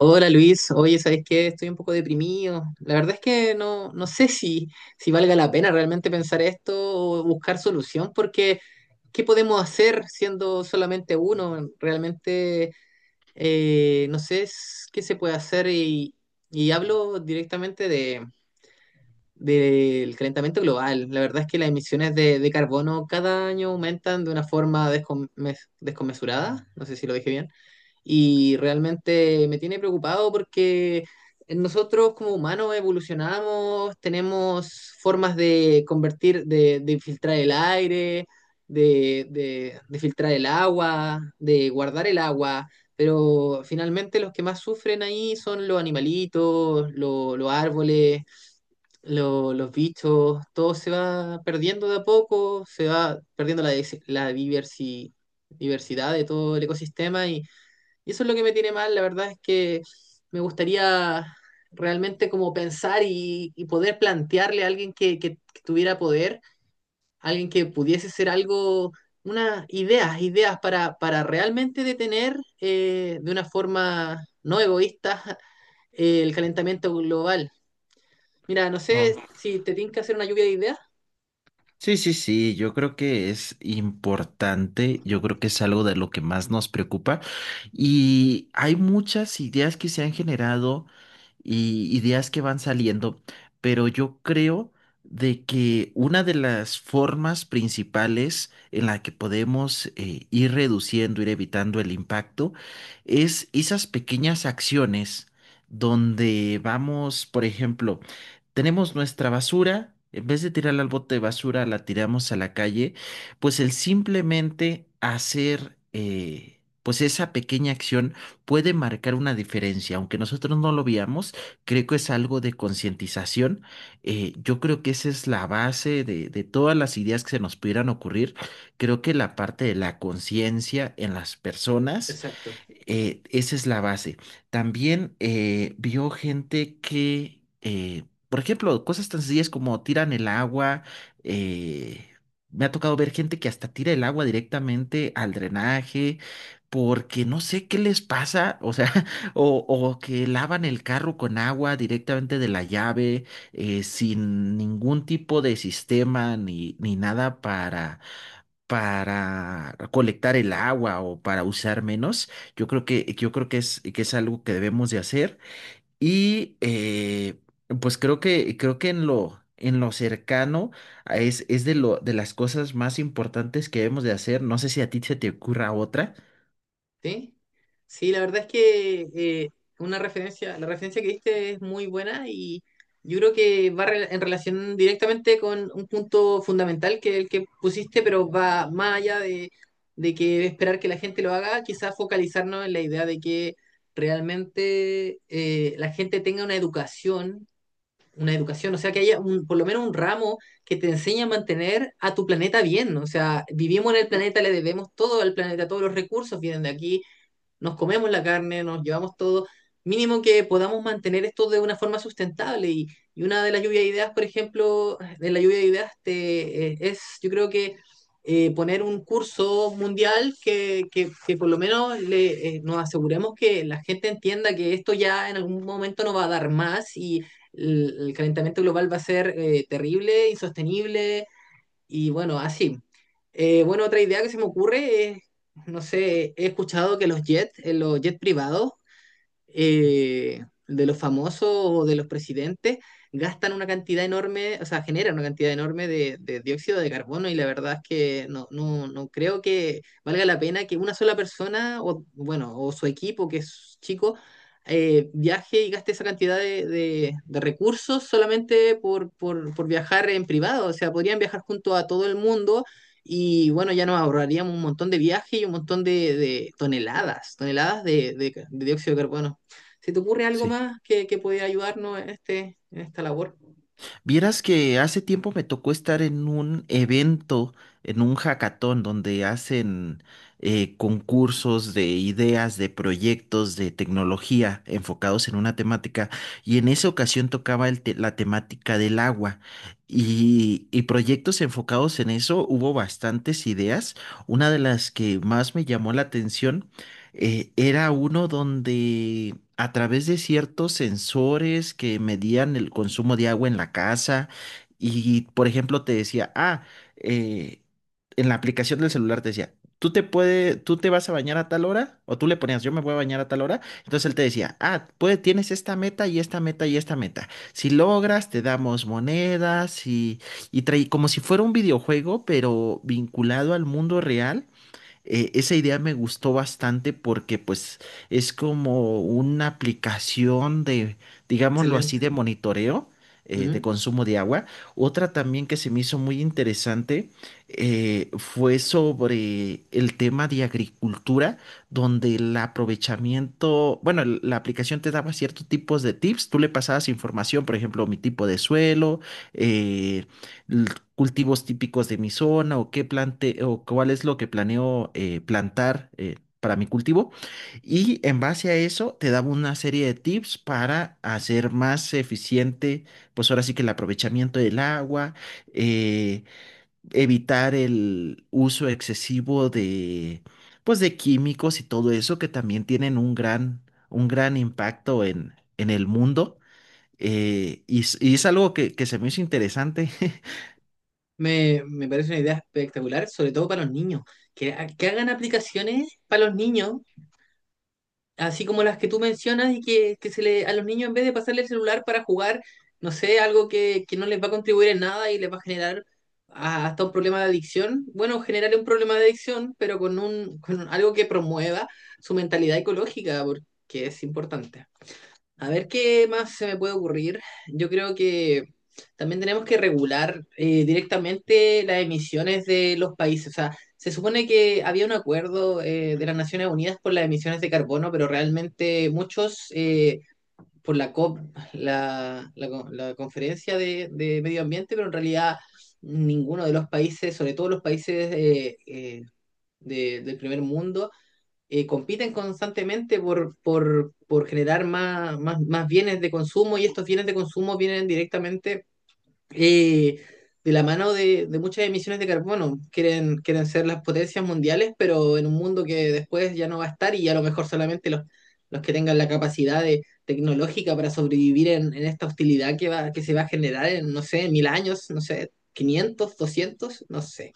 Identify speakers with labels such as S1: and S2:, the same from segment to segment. S1: Hola Luis, oye, ¿sabes qué? Estoy un poco deprimido. La verdad es que no, no sé si valga la pena realmente pensar esto o buscar solución, porque ¿qué podemos hacer siendo solamente uno? Realmente no sé qué se puede hacer y hablo directamente del calentamiento global. La verdad es que las emisiones de carbono cada año aumentan de una forma descomesurada. No sé si lo dije bien. Y realmente me tiene preocupado porque nosotros como humanos evolucionamos, tenemos formas de convertir, de filtrar el aire, de filtrar el agua, de guardar el agua, pero finalmente los que más sufren ahí son los animalitos, los árboles, los bichos, todo se va perdiendo de a poco, se va perdiendo la diversidad de todo el ecosistema y eso es lo que me tiene mal, la verdad es que me gustaría realmente como pensar y poder plantearle a alguien que tuviera poder, alguien que pudiese ser algo, unas ideas para realmente detener de una forma no egoísta el calentamiento global. Mira, no sé
S2: Oh,
S1: si te tinca hacer una lluvia de ideas.
S2: sí, sí, sí, yo creo que es importante, yo creo que es algo de lo que más nos preocupa y hay muchas ideas que se han generado y ideas que van saliendo, pero yo creo de que una de las formas principales en la que podemos ir reduciendo, ir evitando el impacto, es esas pequeñas acciones donde vamos, por ejemplo, tenemos nuestra basura, en vez de tirarla al bote de basura, la tiramos a la calle, pues el simplemente hacer, pues esa pequeña acción puede marcar una diferencia, aunque nosotros no lo veamos, creo que es algo de concientización, yo creo que esa es la base de todas las ideas que se nos pudieran ocurrir, creo que la parte de la conciencia en las personas,
S1: Exacto.
S2: esa es la base. También vio gente que... por ejemplo, cosas tan sencillas como tiran el agua. eh, Me ha tocado ver gente que hasta tira el agua directamente al drenaje porque no sé qué les pasa, o sea, o que lavan el carro con agua directamente de la llave, sin ningún tipo de sistema ni nada para... para colectar el agua o para usar menos. Yo creo que es algo que debemos de hacer. Y pues creo que en lo cercano es de las cosas más importantes que debemos de hacer. No sé si a ti se te ocurra otra.
S1: Sí, sí, la verdad es que una referencia, la referencia que diste es muy buena y yo creo que va en relación directamente con un punto fundamental que es el que pusiste, pero va más allá de que esperar que la gente lo haga, quizás focalizarnos en la idea de que realmente la gente tenga una educación, o sea, que haya por lo menos un ramo que te enseñe a mantener a tu planeta bien, ¿no? O sea, vivimos en el planeta, le debemos todo al planeta, todos los recursos vienen de aquí, nos comemos la carne, nos llevamos todo, mínimo que podamos mantener esto de una forma sustentable. Y una de las lluvias de ideas, por ejemplo, de la lluvia de ideas es, yo creo que poner un curso mundial que por lo menos nos aseguremos que la gente entienda que esto ya en algún momento no va a dar más y el calentamiento global va a ser terrible, insostenible y bueno, así. Bueno, otra idea que se me ocurre es, no sé, he escuchado que los jets privados, de los famosos o de los presidentes gastan una cantidad enorme, o sea, generan una cantidad enorme de dióxido de carbono y la verdad es que no, no, no creo que valga la pena que una sola persona o, bueno, o su equipo que es chico viaje y gaste esa cantidad de recursos solamente por viajar en privado. O sea, podrían viajar junto a todo el mundo y bueno, ya nos ahorraríamos un montón de viajes y un montón de toneladas, toneladas de dióxido de carbono. ¿Se te ocurre algo
S2: Sí.
S1: más que pudiera ayudarnos en, este, en esta labor?
S2: Vieras que hace tiempo me tocó estar en un evento, en un hackathon, donde hacen concursos de ideas, de proyectos, de tecnología enfocados en una temática. Y en esa ocasión tocaba la temática del agua. Y proyectos enfocados en eso, hubo bastantes ideas. Una de las que más me llamó la atención era uno donde a través de ciertos sensores que medían el consumo de agua en la casa y, por ejemplo, te decía, ah, eh, en la aplicación del celular te decía, tú te vas a bañar a tal hora, o tú le ponías, yo me voy a bañar a tal hora, entonces él te decía, ah, pues tienes esta meta y esta meta y esta meta. Si logras, te damos monedas y traí como si fuera un videojuego, pero vinculado al mundo real. Esa idea me gustó bastante porque pues es como una aplicación de, digámoslo así, de
S1: Excelente.
S2: monitoreo de
S1: Ujú.
S2: consumo de agua. Otra también que se me hizo muy interesante, fue sobre el tema de agricultura, donde el aprovechamiento, bueno, la aplicación te daba ciertos tipos de tips, tú le pasabas información, por ejemplo, mi tipo de suelo, eh, cultivos típicos de mi zona o qué plante o cuál es lo que planeo plantar para mi cultivo. Y en base a eso te daba una serie de tips para hacer más eficiente, pues ahora sí que el aprovechamiento del agua, eh, evitar el uso excesivo de, pues de químicos y todo eso que también tienen un gran impacto en el mundo. Y, y es algo que se me hizo interesante.
S1: Me parece una idea espectacular, sobre todo para los niños. Que hagan aplicaciones para los niños, así como las que tú mencionas, y que a los niños, en vez de pasarle el celular para jugar, no sé, algo que no les va a contribuir en nada y les va a generar hasta un problema de adicción. Bueno, generar un problema de adicción, pero con algo que promueva su mentalidad ecológica, porque es importante. A ver qué más se me puede ocurrir. Yo creo que también tenemos que regular directamente las emisiones de los países. O sea, se supone que había un acuerdo de las Naciones Unidas por las emisiones de carbono, pero realmente muchos, por la COP, la conferencia de medio ambiente, pero en realidad ninguno de los países, sobre todo los países del primer mundo, compiten constantemente por generar más bienes de consumo y estos bienes de consumo vienen directamente eh, de la mano de muchas emisiones de carbono. Quieren ser las potencias mundiales, pero en un mundo que después ya no va a estar y a lo mejor solamente los que tengan la capacidad tecnológica para sobrevivir esta hostilidad que se va a generar en, no sé, 1000 años, no sé, 500 200 no sé.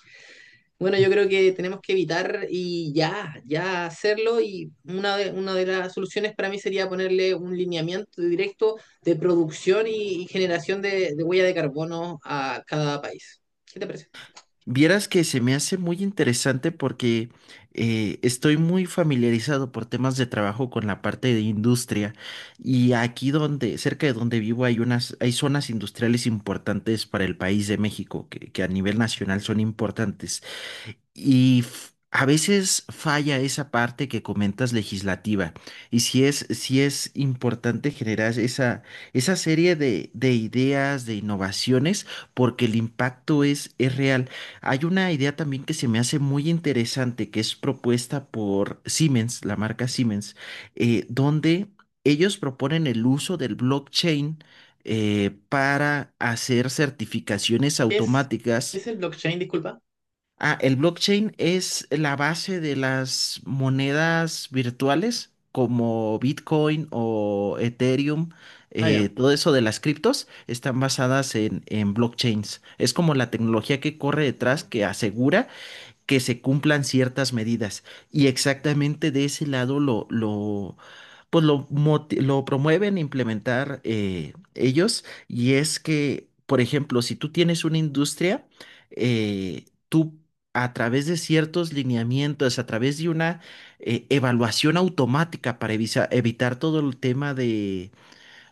S1: Bueno, yo creo que tenemos que evitar y ya, hacerlo. Y una de las soluciones para mí sería ponerle un lineamiento directo de producción y generación de huella de carbono a cada país. ¿Qué te parece?
S2: Vieras que se me hace muy interesante porque estoy muy familiarizado por temas de trabajo con la parte de industria y aquí donde, cerca de donde vivo hay unas, hay zonas industriales importantes para el país de México que a nivel nacional son importantes. Y a veces falla esa parte que comentas legislativa. Y si es importante generar esa, esa serie de ideas, de innovaciones, porque el impacto es real. Hay una idea también que se me hace muy interesante, que es propuesta por Siemens, la marca Siemens, donde ellos proponen el uso del blockchain, para hacer certificaciones
S1: ¿Qué es,
S2: automáticas.
S1: es el blockchain? Disculpa.
S2: Ah, el blockchain es la base de las monedas virtuales como Bitcoin o Ethereum,
S1: Ah, ya,
S2: todo eso de las criptos están basadas en blockchains. Es como la tecnología que corre detrás que asegura que se cumplan ciertas medidas. Y exactamente de ese lado pues lo, lo promueven a implementar ellos, y es que, por ejemplo, si tú tienes una industria, tú a través de ciertos lineamientos, a través de una evaluación automática para evitar todo el tema,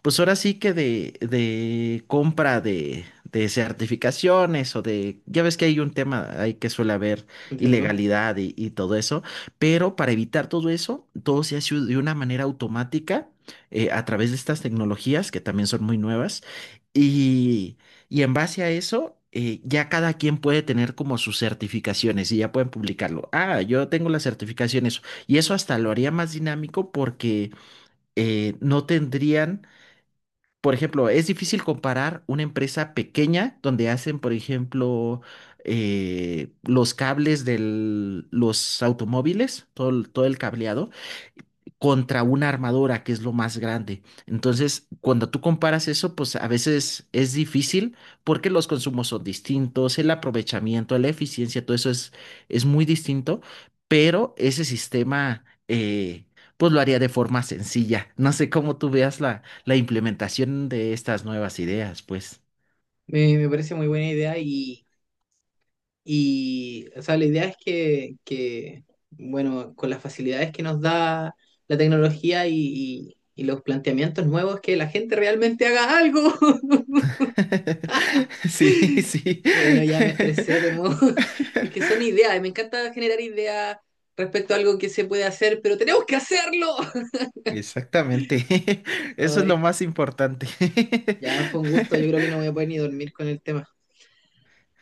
S2: pues ahora sí que de compra de certificaciones o de, ya ves que hay un tema ahí que suele haber
S1: entiendo.
S2: ilegalidad y todo eso, pero para evitar todo eso, todo se hace de una manera automática, a través de estas tecnologías que también son muy nuevas, y, y en base a eso... ya cada quien puede tener como sus certificaciones y ya pueden publicarlo. Ah, yo tengo las certificaciones y eso hasta lo haría más dinámico porque no tendrían, por ejemplo, es difícil comparar una empresa pequeña donde hacen, por ejemplo, los cables de los automóviles, todo, todo el cableado contra una armadora que es lo más grande. Entonces, cuando tú comparas eso, pues a veces es difícil porque los consumos son distintos, el aprovechamiento, la eficiencia, todo eso es muy distinto, pero ese sistema, pues lo haría de forma sencilla. No sé cómo tú veas la, la implementación de estas nuevas ideas, pues.
S1: Me parece muy buena idea o sea, la idea es que, bueno, con las facilidades que nos da la tecnología y, y y los planteamientos nuevos, que la gente realmente haga algo.
S2: Sí, sí.
S1: Bueno, ya me estresé de nuevo. Es que son ideas, y me encanta generar ideas respecto a algo que se puede hacer, pero tenemos que hacerlo.
S2: Exactamente. Eso es lo
S1: Ay,
S2: más importante.
S1: ya fue un gusto, yo creo que no voy a poder ni dormir con el tema.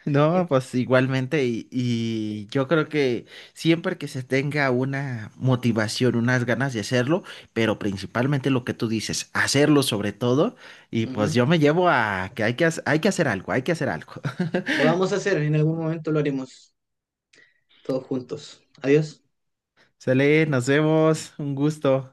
S2: No, pues igualmente, y yo creo que siempre que se tenga una motivación, unas ganas de hacerlo, pero principalmente lo que tú dices, hacerlo sobre todo, y
S1: Ujú.
S2: pues yo me llevo a que hay que, hay que hacer algo, hay que hacer algo.
S1: Lo vamos a hacer, en algún momento lo haremos todos juntos. Adiós.
S2: Sale, nos vemos, un gusto.